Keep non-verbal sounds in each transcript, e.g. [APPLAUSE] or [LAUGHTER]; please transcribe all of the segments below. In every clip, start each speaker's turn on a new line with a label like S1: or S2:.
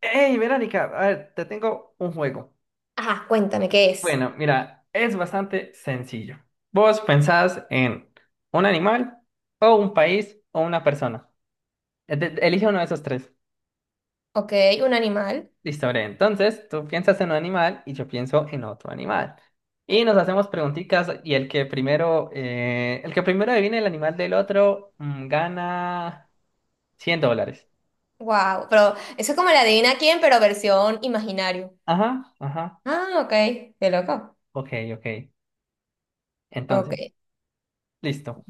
S1: Hey, Verónica, a ver, te tengo un juego.
S2: Ajá, cuéntame, ¿qué es?
S1: Bueno, mira, es bastante sencillo. Vos pensás en un animal o un país o una persona. Elige uno de esos tres.
S2: Ok, un animal.
S1: Listo, bre. Entonces, tú piensas en un animal y yo pienso en otro animal. Y nos hacemos preguntitas y el que primero adivine el animal del otro, gana $100.
S2: Wow, pero eso es como la adivina quién, pero versión imaginario.
S1: Ajá, ajá.
S2: Ah, ok, qué loco.
S1: Ok, ok. Entonces,
S2: Ok.
S1: listo.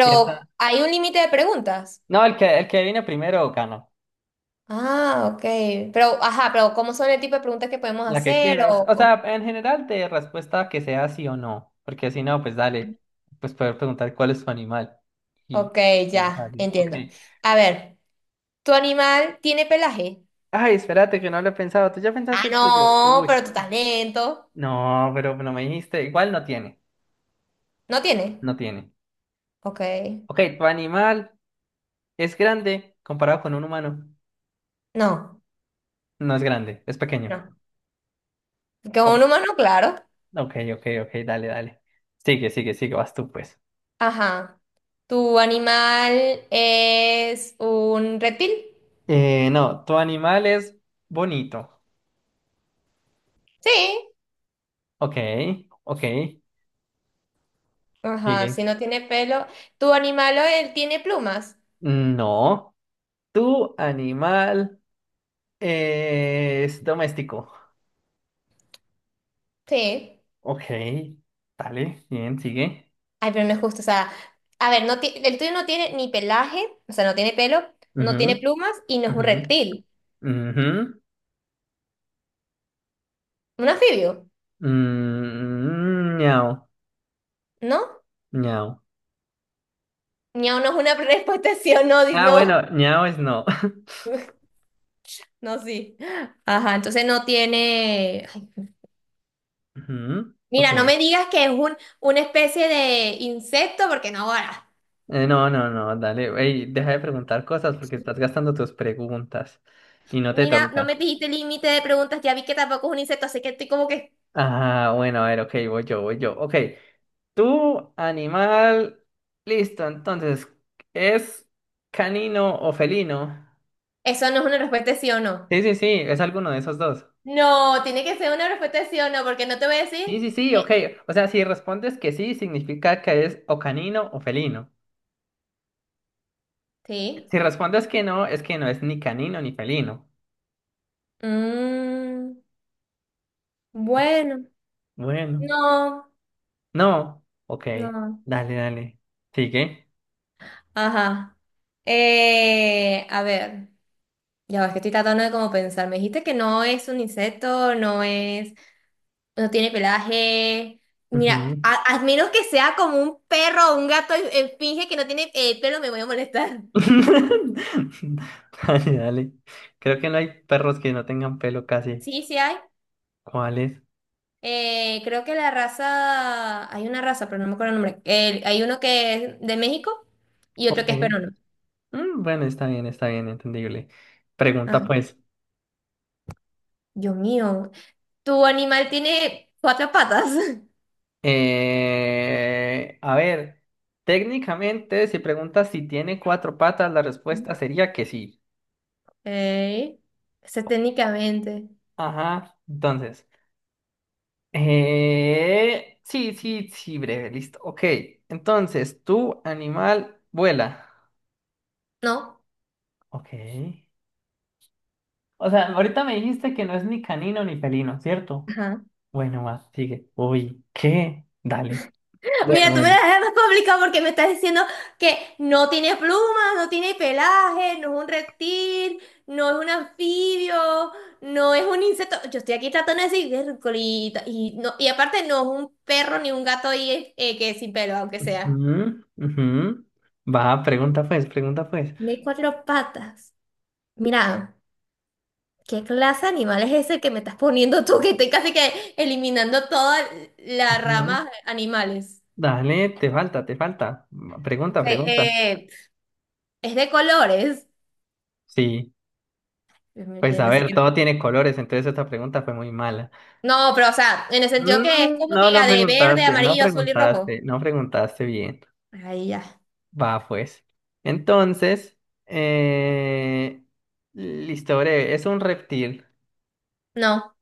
S1: Piensa.
S2: hay un límite de preguntas.
S1: No, el que adivine primero gana.
S2: Ah, ok. Pero, ajá, pero ¿cómo son el tipo de preguntas que podemos
S1: La que
S2: hacer?
S1: quieras. O sea, en general de respuesta que sea sí o no. Porque si no, pues dale. Pues poder preguntar cuál es tu animal. Y
S2: Ok, ya,
S1: dale. Ok.
S2: entiendo. A ver, ¿tu animal tiene pelaje?
S1: Ay, espérate que no lo he pensado. ¿Tú ya
S2: Ah,
S1: pensaste el tuyo?
S2: no,
S1: Uy.
S2: pero tu talento.
S1: No, pero no me dijiste. Igual no tiene.
S2: ¿No tiene?
S1: No tiene.
S2: Ok.
S1: Ok, tu animal es grande comparado con un humano.
S2: No,
S1: No es grande, es pequeño.
S2: no. Que es
S1: Oh,
S2: un humano, claro.
S1: ok, ok, ok, dale, dale. Sigue, sigue, sigue, vas tú pues.
S2: Ajá. ¿Tu animal es un reptil?
S1: No, tu animal es bonito.
S2: Sí.
S1: Ok, ok.
S2: Ajá,
S1: Sigue.
S2: si no tiene pelo. ¿Tu animal o él tiene plumas?
S1: No, tu animal es doméstico.
S2: Sí.
S1: Ok, dale, bien, sigue.
S2: Ay, pero no es justo. O sea, a ver, el tuyo no tiene ni pelaje, o sea, no tiene pelo, no
S1: Ujú,
S2: tiene plumas y no es un
S1: ujú,
S2: reptil.
S1: ujú.
S2: Un anfibio,
S1: Mm, ñau,
S2: ¿no?
S1: ñau.
S2: No, no es una [LAUGHS] respuesta sí o no,
S1: Ah,
S2: no.
S1: bueno, ñau es no. [LAUGHS]
S2: [LAUGHS] No, sí. Ajá, entonces no tiene. Ay,
S1: Ujú, ok.
S2: mira, no me digas que es una especie de insecto, porque no, ahora.
S1: No, no, no, dale. Ey, deja de preguntar cosas porque estás gastando tus preguntas y no te
S2: Mira, no
S1: toca.
S2: me dijiste límite de preguntas, ya vi que tampoco es un insecto, así que estoy como que
S1: Ah, bueno, a ver, ok, voy yo, voy yo. Ok. Tu animal. Listo, entonces, ¿es canino o felino?
S2: eso no es una respuesta de sí o no.
S1: Sí, sí, sí, es alguno de esos dos.
S2: No, tiene que ser una respuesta de sí o no, porque no te voy a decir.
S1: Sí, sí, sí,
S2: eh,
S1: ok. O sea, si respondes que sí, significa que es o canino o felino.
S2: sí.
S1: Si respondes que no es ni canino ni felino.
S2: Mm, bueno.
S1: Bueno.
S2: No,
S1: No. Ok.
S2: no.
S1: Dale, dale. Sigue.
S2: Ajá. A ver, ya ves que estoy tratando de como pensar. Me dijiste que no es un insecto, no es, no tiene pelaje. Mira,
S1: Ujú.
S2: a menos que sea como un perro o un gato y, finge que no tiene pelo, me voy a molestar.
S1: [LAUGHS] Dale, dale. Creo que no hay perros que no tengan pelo casi.
S2: Sí, sí hay.
S1: ¿Cuáles es?
S2: Creo que la raza, hay una raza, pero no me acuerdo el nombre. Hay uno que es de México y otro
S1: Ok.
S2: que es peruano.
S1: Mm, bueno, está bien, entendible. Pregunta
S2: Ajá.
S1: pues.
S2: Dios mío, tu animal tiene cuatro patas. [LAUGHS]
S1: A ver, técnicamente, si preguntas si tiene cuatro patas, la respuesta sería que sí.
S2: Ok. Ese técnicamente.
S1: Ajá, entonces. Sí, sí, sí, breve, listo. Ok, entonces, tu animal vuela.
S2: No.
S1: Ok. O sea, ahorita me dijiste que no es ni canino ni felino, ¿cierto?
S2: Ajá.
S1: Bueno, va, sigue. Uy, ¿qué? Dale.
S2: Mira,
S1: Bueno,
S2: tú me la
S1: bueno.
S2: dejas más complicado porque me estás diciendo que no tiene plumas, no tiene pelaje, no es un reptil, no es un anfibio, no es un insecto. Yo estoy aquí tratando de decir, "Vércolita", y, no, y aparte no es un perro ni un gato ahí, que es sin pelo, aunque sea.
S1: Ujú, ujú. Va, pregunta pues, pregunta pues.
S2: Tiene cuatro patas. Mira, ¿qué clase de animal es ese que me estás poniendo tú? Que estoy casi que eliminando toda la
S1: Ujú.
S2: rama animales.
S1: Dale, te falta, te falta. Va, pregunta,
S2: Ok,
S1: pregunta.
S2: es de colores.
S1: Sí, pues a
S2: No sé.
S1: ver, todo tiene colores, entonces esta pregunta fue muy mala.
S2: No, pero o sea, en el sentido que es
S1: Mm,
S2: como que
S1: no, no
S2: diga de verde,
S1: preguntaste, no
S2: amarillo, azul y rojo.
S1: preguntaste, no preguntaste bien.
S2: Ahí ya.
S1: Va, pues. Entonces, eh... listo, breve, es un reptil.
S2: No,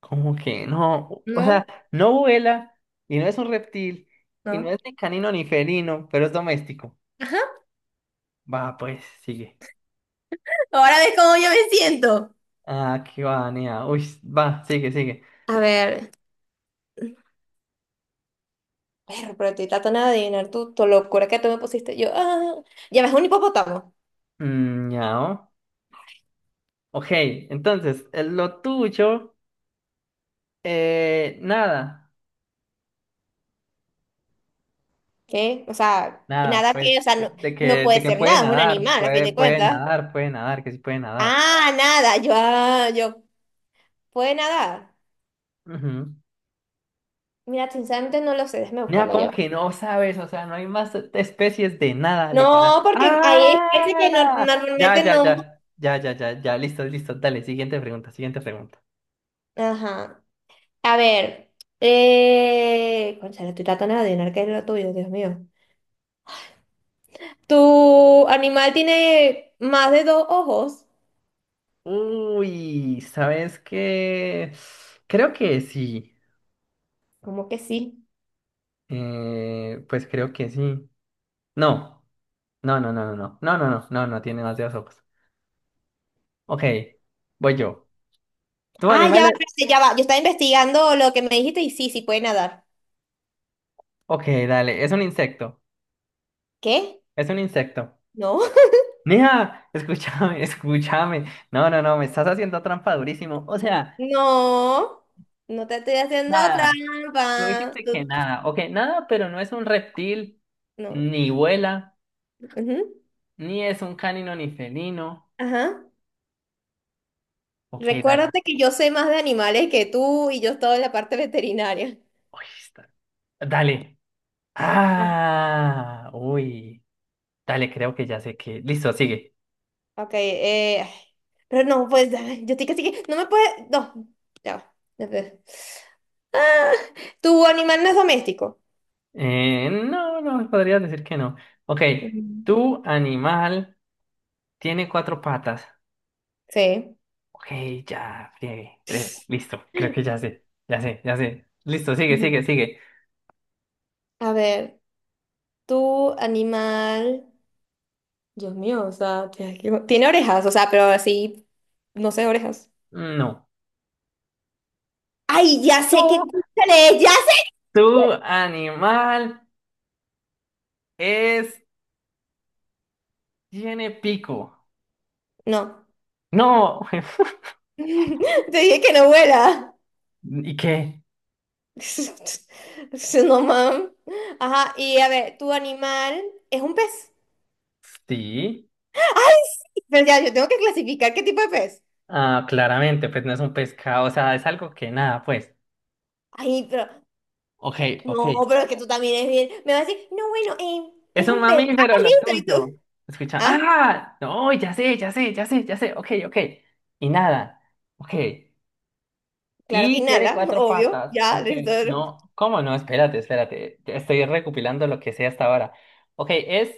S1: Como que no, o sea,
S2: no,
S1: no vuela y no es un reptil y no
S2: no.
S1: es ni canino ni felino, pero es doméstico.
S2: Ajá.
S1: Va, pues, sigue.
S2: Ahora ves cómo yo me siento.
S1: Aquí va, Nea. Uy, va, sigue, sigue.
S2: A ver, perro, pero estoy tratando de adivinar tu locura que tú me pusiste. Yo, ya ves un hipopótamo.
S1: Mm, ñao. Ok, entonces, lo tuyo, nada,
S2: ¿Qué? O sea,
S1: nada,
S2: nada
S1: pues,
S2: que, o sea, no, no
S1: de
S2: puede
S1: que
S2: ser nada, es un animal, a fin de cuentas.
S1: puede nadar, que sí puede nadar.
S2: Ah, nada, yo, puede nadar.
S1: Ujú.
S2: Mira, sinceramente no lo sé, déjame
S1: Nea,
S2: buscarlo
S1: ¿cómo
S2: ya. Va.
S1: que no sabes? O sea, no hay más especies de nada, literal.
S2: No, porque ahí es que no,
S1: ¡Ah! Ya,
S2: normalmente
S1: ya,
S2: no.
S1: ya, ya, ya, ya, ya, listo, listo, dale, siguiente pregunta, siguiente pregunta.
S2: Ajá. A ver, cónchale, estoy tratando de adivinar qué es lo tuyo, Dios mío. ¿Tu animal tiene más de dos ojos?
S1: Uy, ¿sabes qué? Creo que sí.
S2: ¿Cómo que sí?
S1: Pues creo que sí. No, no, no, no, no, no, no, no, no, no, no tiene demasiados ojos. Ok, voy yo. ¿Tu
S2: Ah, ya
S1: animal
S2: va,
S1: es-
S2: espérate, ya va. Yo estaba investigando lo que me dijiste y sí, sí puede nadar.
S1: Ok, dale, es un insecto.
S2: ¿Qué?
S1: Es un insecto.
S2: No. [LAUGHS]
S1: Mija, escúchame, [LAUGHS] escúchame. No, no, no, me estás haciendo trampa durísimo. O sea,
S2: No. No te estoy haciendo
S1: nada. Tú
S2: trampa.
S1: dijiste que
S2: Tú-
S1: nada. Ok, nada, pero no es un reptil,
S2: No.
S1: ni vuela,
S2: Ujú.
S1: ni es un canino ni felino.
S2: Ajá.
S1: Ok, dale.
S2: Recuérdate que yo sé más de animales que tú y yo estoy en la parte veterinaria.
S1: Uy, está- Dale. Ah, uy. Dale, creo que ya sé que. Listo, sigue.
S2: Ok, ay, pero no, pues, ay, yo estoy casi que sí, no me puede, no, ya va. Ah, ¿tu animal no es doméstico?
S1: No, no, podrías decir que no. Ok,
S2: Ujú.
S1: tu animal tiene cuatro patas.
S2: Sí.
S1: Ok, ya, friegue, friegue. Listo, creo que ya sé, ya sé, ya sé. Listo, sigue,
S2: Ujú.
S1: sigue, sigue.
S2: A ver, tu animal, Dios mío, o sea, tiene orejas, o sea, pero así, no sé, orejas.
S1: No.
S2: Ay, ya
S1: Tu,
S2: sé que escúchale, ya sé.
S1: tu animal es, tiene pico.
S2: No,
S1: No. [LAUGHS]
S2: [LAUGHS] te dije que no vuela.
S1: ¿Y qué?
S2: [LAUGHS] No, mam. Ajá, y a ver, ¿tu animal es un pez?
S1: Sí.
S2: Pero ya, yo tengo que clasificar qué tipo de pez.
S1: Ah, claramente, pues no es un pescado, o sea, es algo que nada, pues.
S2: Ay, pero,
S1: Ok, ok.
S2: no, pero es que tú también es bien. Me vas a decir, no, bueno,
S1: Es
S2: es
S1: un
S2: un pez.
S1: mamífero
S2: Ah,
S1: lo
S2: listo, y
S1: tuyo.
S2: tú.
S1: Escucha,
S2: Ah,
S1: ah, no, ya sé, ya sé, ya sé, ya sé, ok, ok. Y nada, ok.
S2: claro que
S1: Y tiene
S2: inhala,
S1: cuatro
S2: obvio.
S1: patas,
S2: Ya,
S1: ok.
S2: listo.
S1: No, ¿cómo no? Espérate, espérate. Ya estoy recopilando lo que sé hasta ahora. Ok, es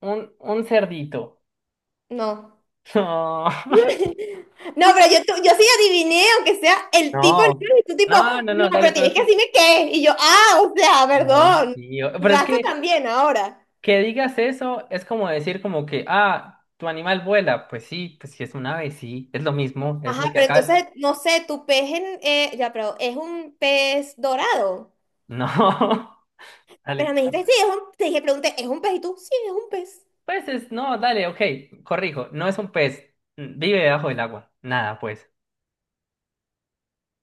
S1: un cerdito.
S2: No.
S1: [LAUGHS]
S2: [LAUGHS] No, pero yo, yo sí adiviné, aunque sea el tipo de
S1: No,
S2: animal, y tú tipo,
S1: no, no, no,
S2: no,
S1: no, dale,
S2: pero
S1: pero es
S2: tienes que
S1: que.
S2: decirme qué. Y yo, o sea,
S1: No,
S2: perdón.
S1: tío, pero es
S2: Raza
S1: que
S2: también ahora.
S1: Que digas eso es como decir como que, ah, tu animal vuela. Pues sí, pues si es un ave, sí, es lo mismo, es lo
S2: Ajá,
S1: que
S2: pero
S1: acá.
S2: entonces, no sé, tu pez en, ya, pero es un pez dorado.
S1: No, [LAUGHS]
S2: Pero
S1: dale.
S2: me dijiste, sí, es un, te dije, pregunté, ¿es un pez? Y tú, sí, es un pez.
S1: Pues es, no, dale, ok, corrijo, no es un pez, mm, vive debajo del agua. Nada, pues,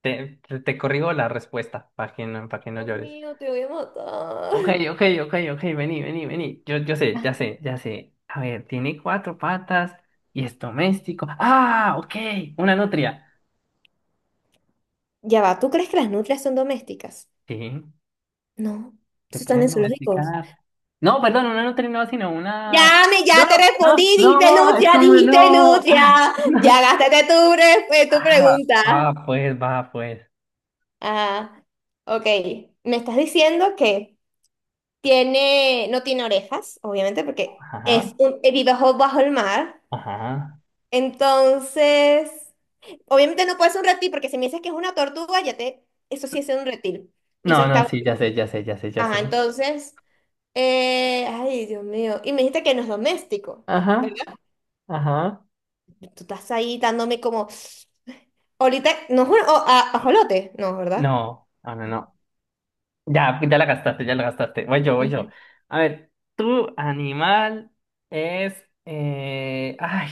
S1: te corrijo la respuesta para que no
S2: Dios
S1: llores.
S2: mío, te voy a matar.
S1: Ok, ok, ok, ok, vení, vení, vení. Yo sé, ya sé, ya sé. A ver, tiene cuatro patas y es doméstico. Ah, ok, una nutria.
S2: Ya va, ¿tú crees que las nutrias son domésticas?
S1: Sí.
S2: No,
S1: Se
S2: eso están en
S1: pueden
S2: zoológicos.
S1: domesticar. No, perdón, una no terminó, sino una.
S2: Ya, me,
S1: No,
S2: ya te
S1: no,
S2: respondí, dijiste
S1: no, es
S2: nutria,
S1: como
S2: dijiste
S1: no.
S2: nutria. Ya
S1: [LAUGHS]
S2: gastaste tu
S1: Ah, no.
S2: pregunta.
S1: Ah, va, pues, va, pues.
S2: Ah, ok. Me estás diciendo que no tiene orejas, obviamente, porque es
S1: Ajá,
S2: vive bajo el mar.
S1: ajá.
S2: Entonces. Obviamente no puede ser un reptil, porque si me dices que es una tortuga, ya te, eso sí es un reptil. Y eso
S1: No, no,
S2: está,
S1: sí, ya sé, ya sé, ya sé, ya
S2: ajá,
S1: sé.
S2: entonces, ay, Dios mío, y me dijiste que no es doméstico,
S1: Ajá,
S2: ¿verdad?
S1: ajá.
S2: Tú estás ahí dándome como, ahorita, no es un ajolote, no, ¿verdad?
S1: No, no, no, no. Ya, ya la gastaste, ya la gastaste. Voy yo, voy yo.
S2: Ujú.
S1: A ver, tu animal es... ay,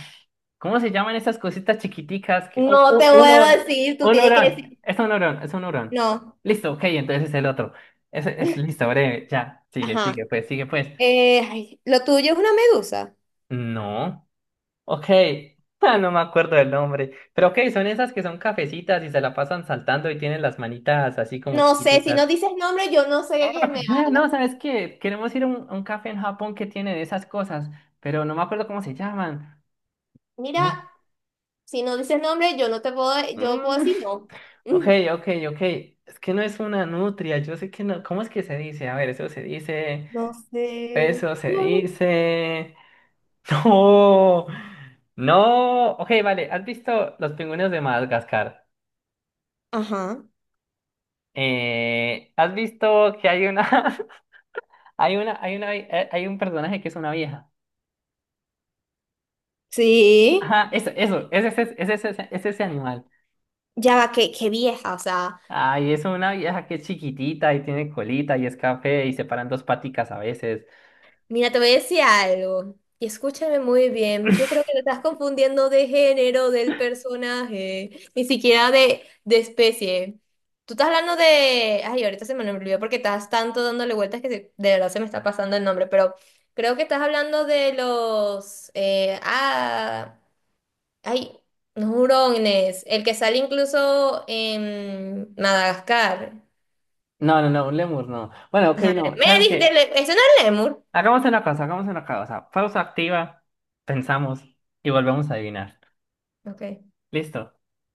S1: ¿cómo se llaman esas cositas chiquiticas que...
S2: No
S1: un,
S2: te voy a
S1: uno-
S2: decir, tú
S1: un
S2: tienes que
S1: hurón.
S2: decir,
S1: Es un hurón, es un hurón.
S2: no,
S1: Listo, ok, entonces es el otro. Es
S2: [LAUGHS]
S1: listo, breve. Ya, sigue,
S2: ajá,
S1: sigue, pues, sigue, pues.
S2: ay, lo tuyo es una medusa.
S1: No. Ok. [LAUGHS] Ah, no me acuerdo del nombre. Pero ok, son esas que son cafecitas y se la pasan saltando y tienen las manitas así como
S2: No sé, si
S1: chiquiticas.
S2: no dices nombre, yo no sé de qué
S1: Ah,
S2: me
S1: no,
S2: hablas.
S1: ¿sabes qué? Queremos ir a un café en Japón que tiene de esas cosas, pero no me acuerdo cómo se llaman.
S2: Mira,
S1: No.
S2: si no dices nombre, yo no te puedo, yo puedo
S1: Mm,
S2: decir no.
S1: [LAUGHS] ok,
S2: Mm.
S1: ok, ok. Es que no es una nutria, yo sé que no. ¿Cómo es que se dice? A ver, eso se dice.
S2: No sé.
S1: Eso se dice. [LAUGHS] No. No. Ok, vale. ¿Has visto los pingüinos de Madagascar?
S2: Ajá.
S1: ¿Has visto que [LAUGHS] hay un personaje que es una vieja?
S2: Sí.
S1: Ajá, eso, es ese animal.
S2: Ya va, qué vieja, o sea,
S1: Ay, es una vieja que es chiquitita y tiene colita y es café y se paran dos paticas a veces.
S2: mira, te voy a decir algo y escúchame muy bien. Yo creo
S1: [LAUGHS]
S2: que te estás confundiendo de género del personaje, ni siquiera de especie. Tú estás hablando de. Ay, ahorita se me olvidó porque estás tanto dándole vueltas que de verdad se me está pasando el nombre, pero creo que estás hablando de los Ay, hurones. El que sale incluso en Madagascar.
S1: No, no, no, un lemur no. Bueno, ok,
S2: Ajá.
S1: no,
S2: Me
S1: ¿sabes
S2: dijiste,
S1: qué?
S2: ¿ese no es Lemur?
S1: Hagamos una cosa, hagamos una cosa. Pausa activa, pensamos y volvemos a adivinar.
S2: Ok,
S1: ¿Listo?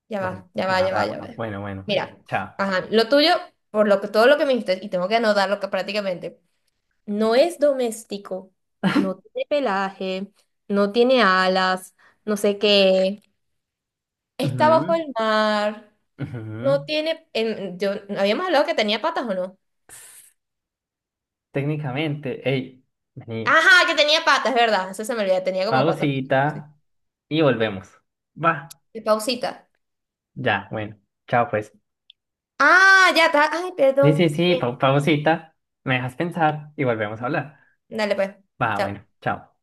S2: ya
S1: Bueno,
S2: va, ya va,
S1: va,
S2: ya
S1: va,
S2: va, ya
S1: va.
S2: va.
S1: Bueno, bueno, bueno.
S2: Mira,
S1: Chao.
S2: ajá, lo tuyo, por lo que, todo lo que me dijiste, y tengo que anotarlo que prácticamente, no es doméstico, no tiene pelaje, no tiene alas, no sé qué, está bajo
S1: Ujú,
S2: el mar, no
S1: ujú.
S2: tiene, habíamos hablado que tenía patas, ¿o no?
S1: Técnicamente, hey, vení,
S2: Ajá, que tenía patas, ¿verdad? Eso se me olvidó, tenía como cuatro patas. Sí.
S1: pausita y volvemos. Va,
S2: Y pausita.
S1: ya, bueno, chao pues.
S2: Ah, ya está. Ay,
S1: Sí, sí,
S2: perdón.
S1: sí,
S2: Bien.
S1: pausita, me dejas pensar y volvemos a
S2: Ujú.
S1: hablar.
S2: Dale pues.
S1: Va, bueno,
S2: Chao.
S1: chao.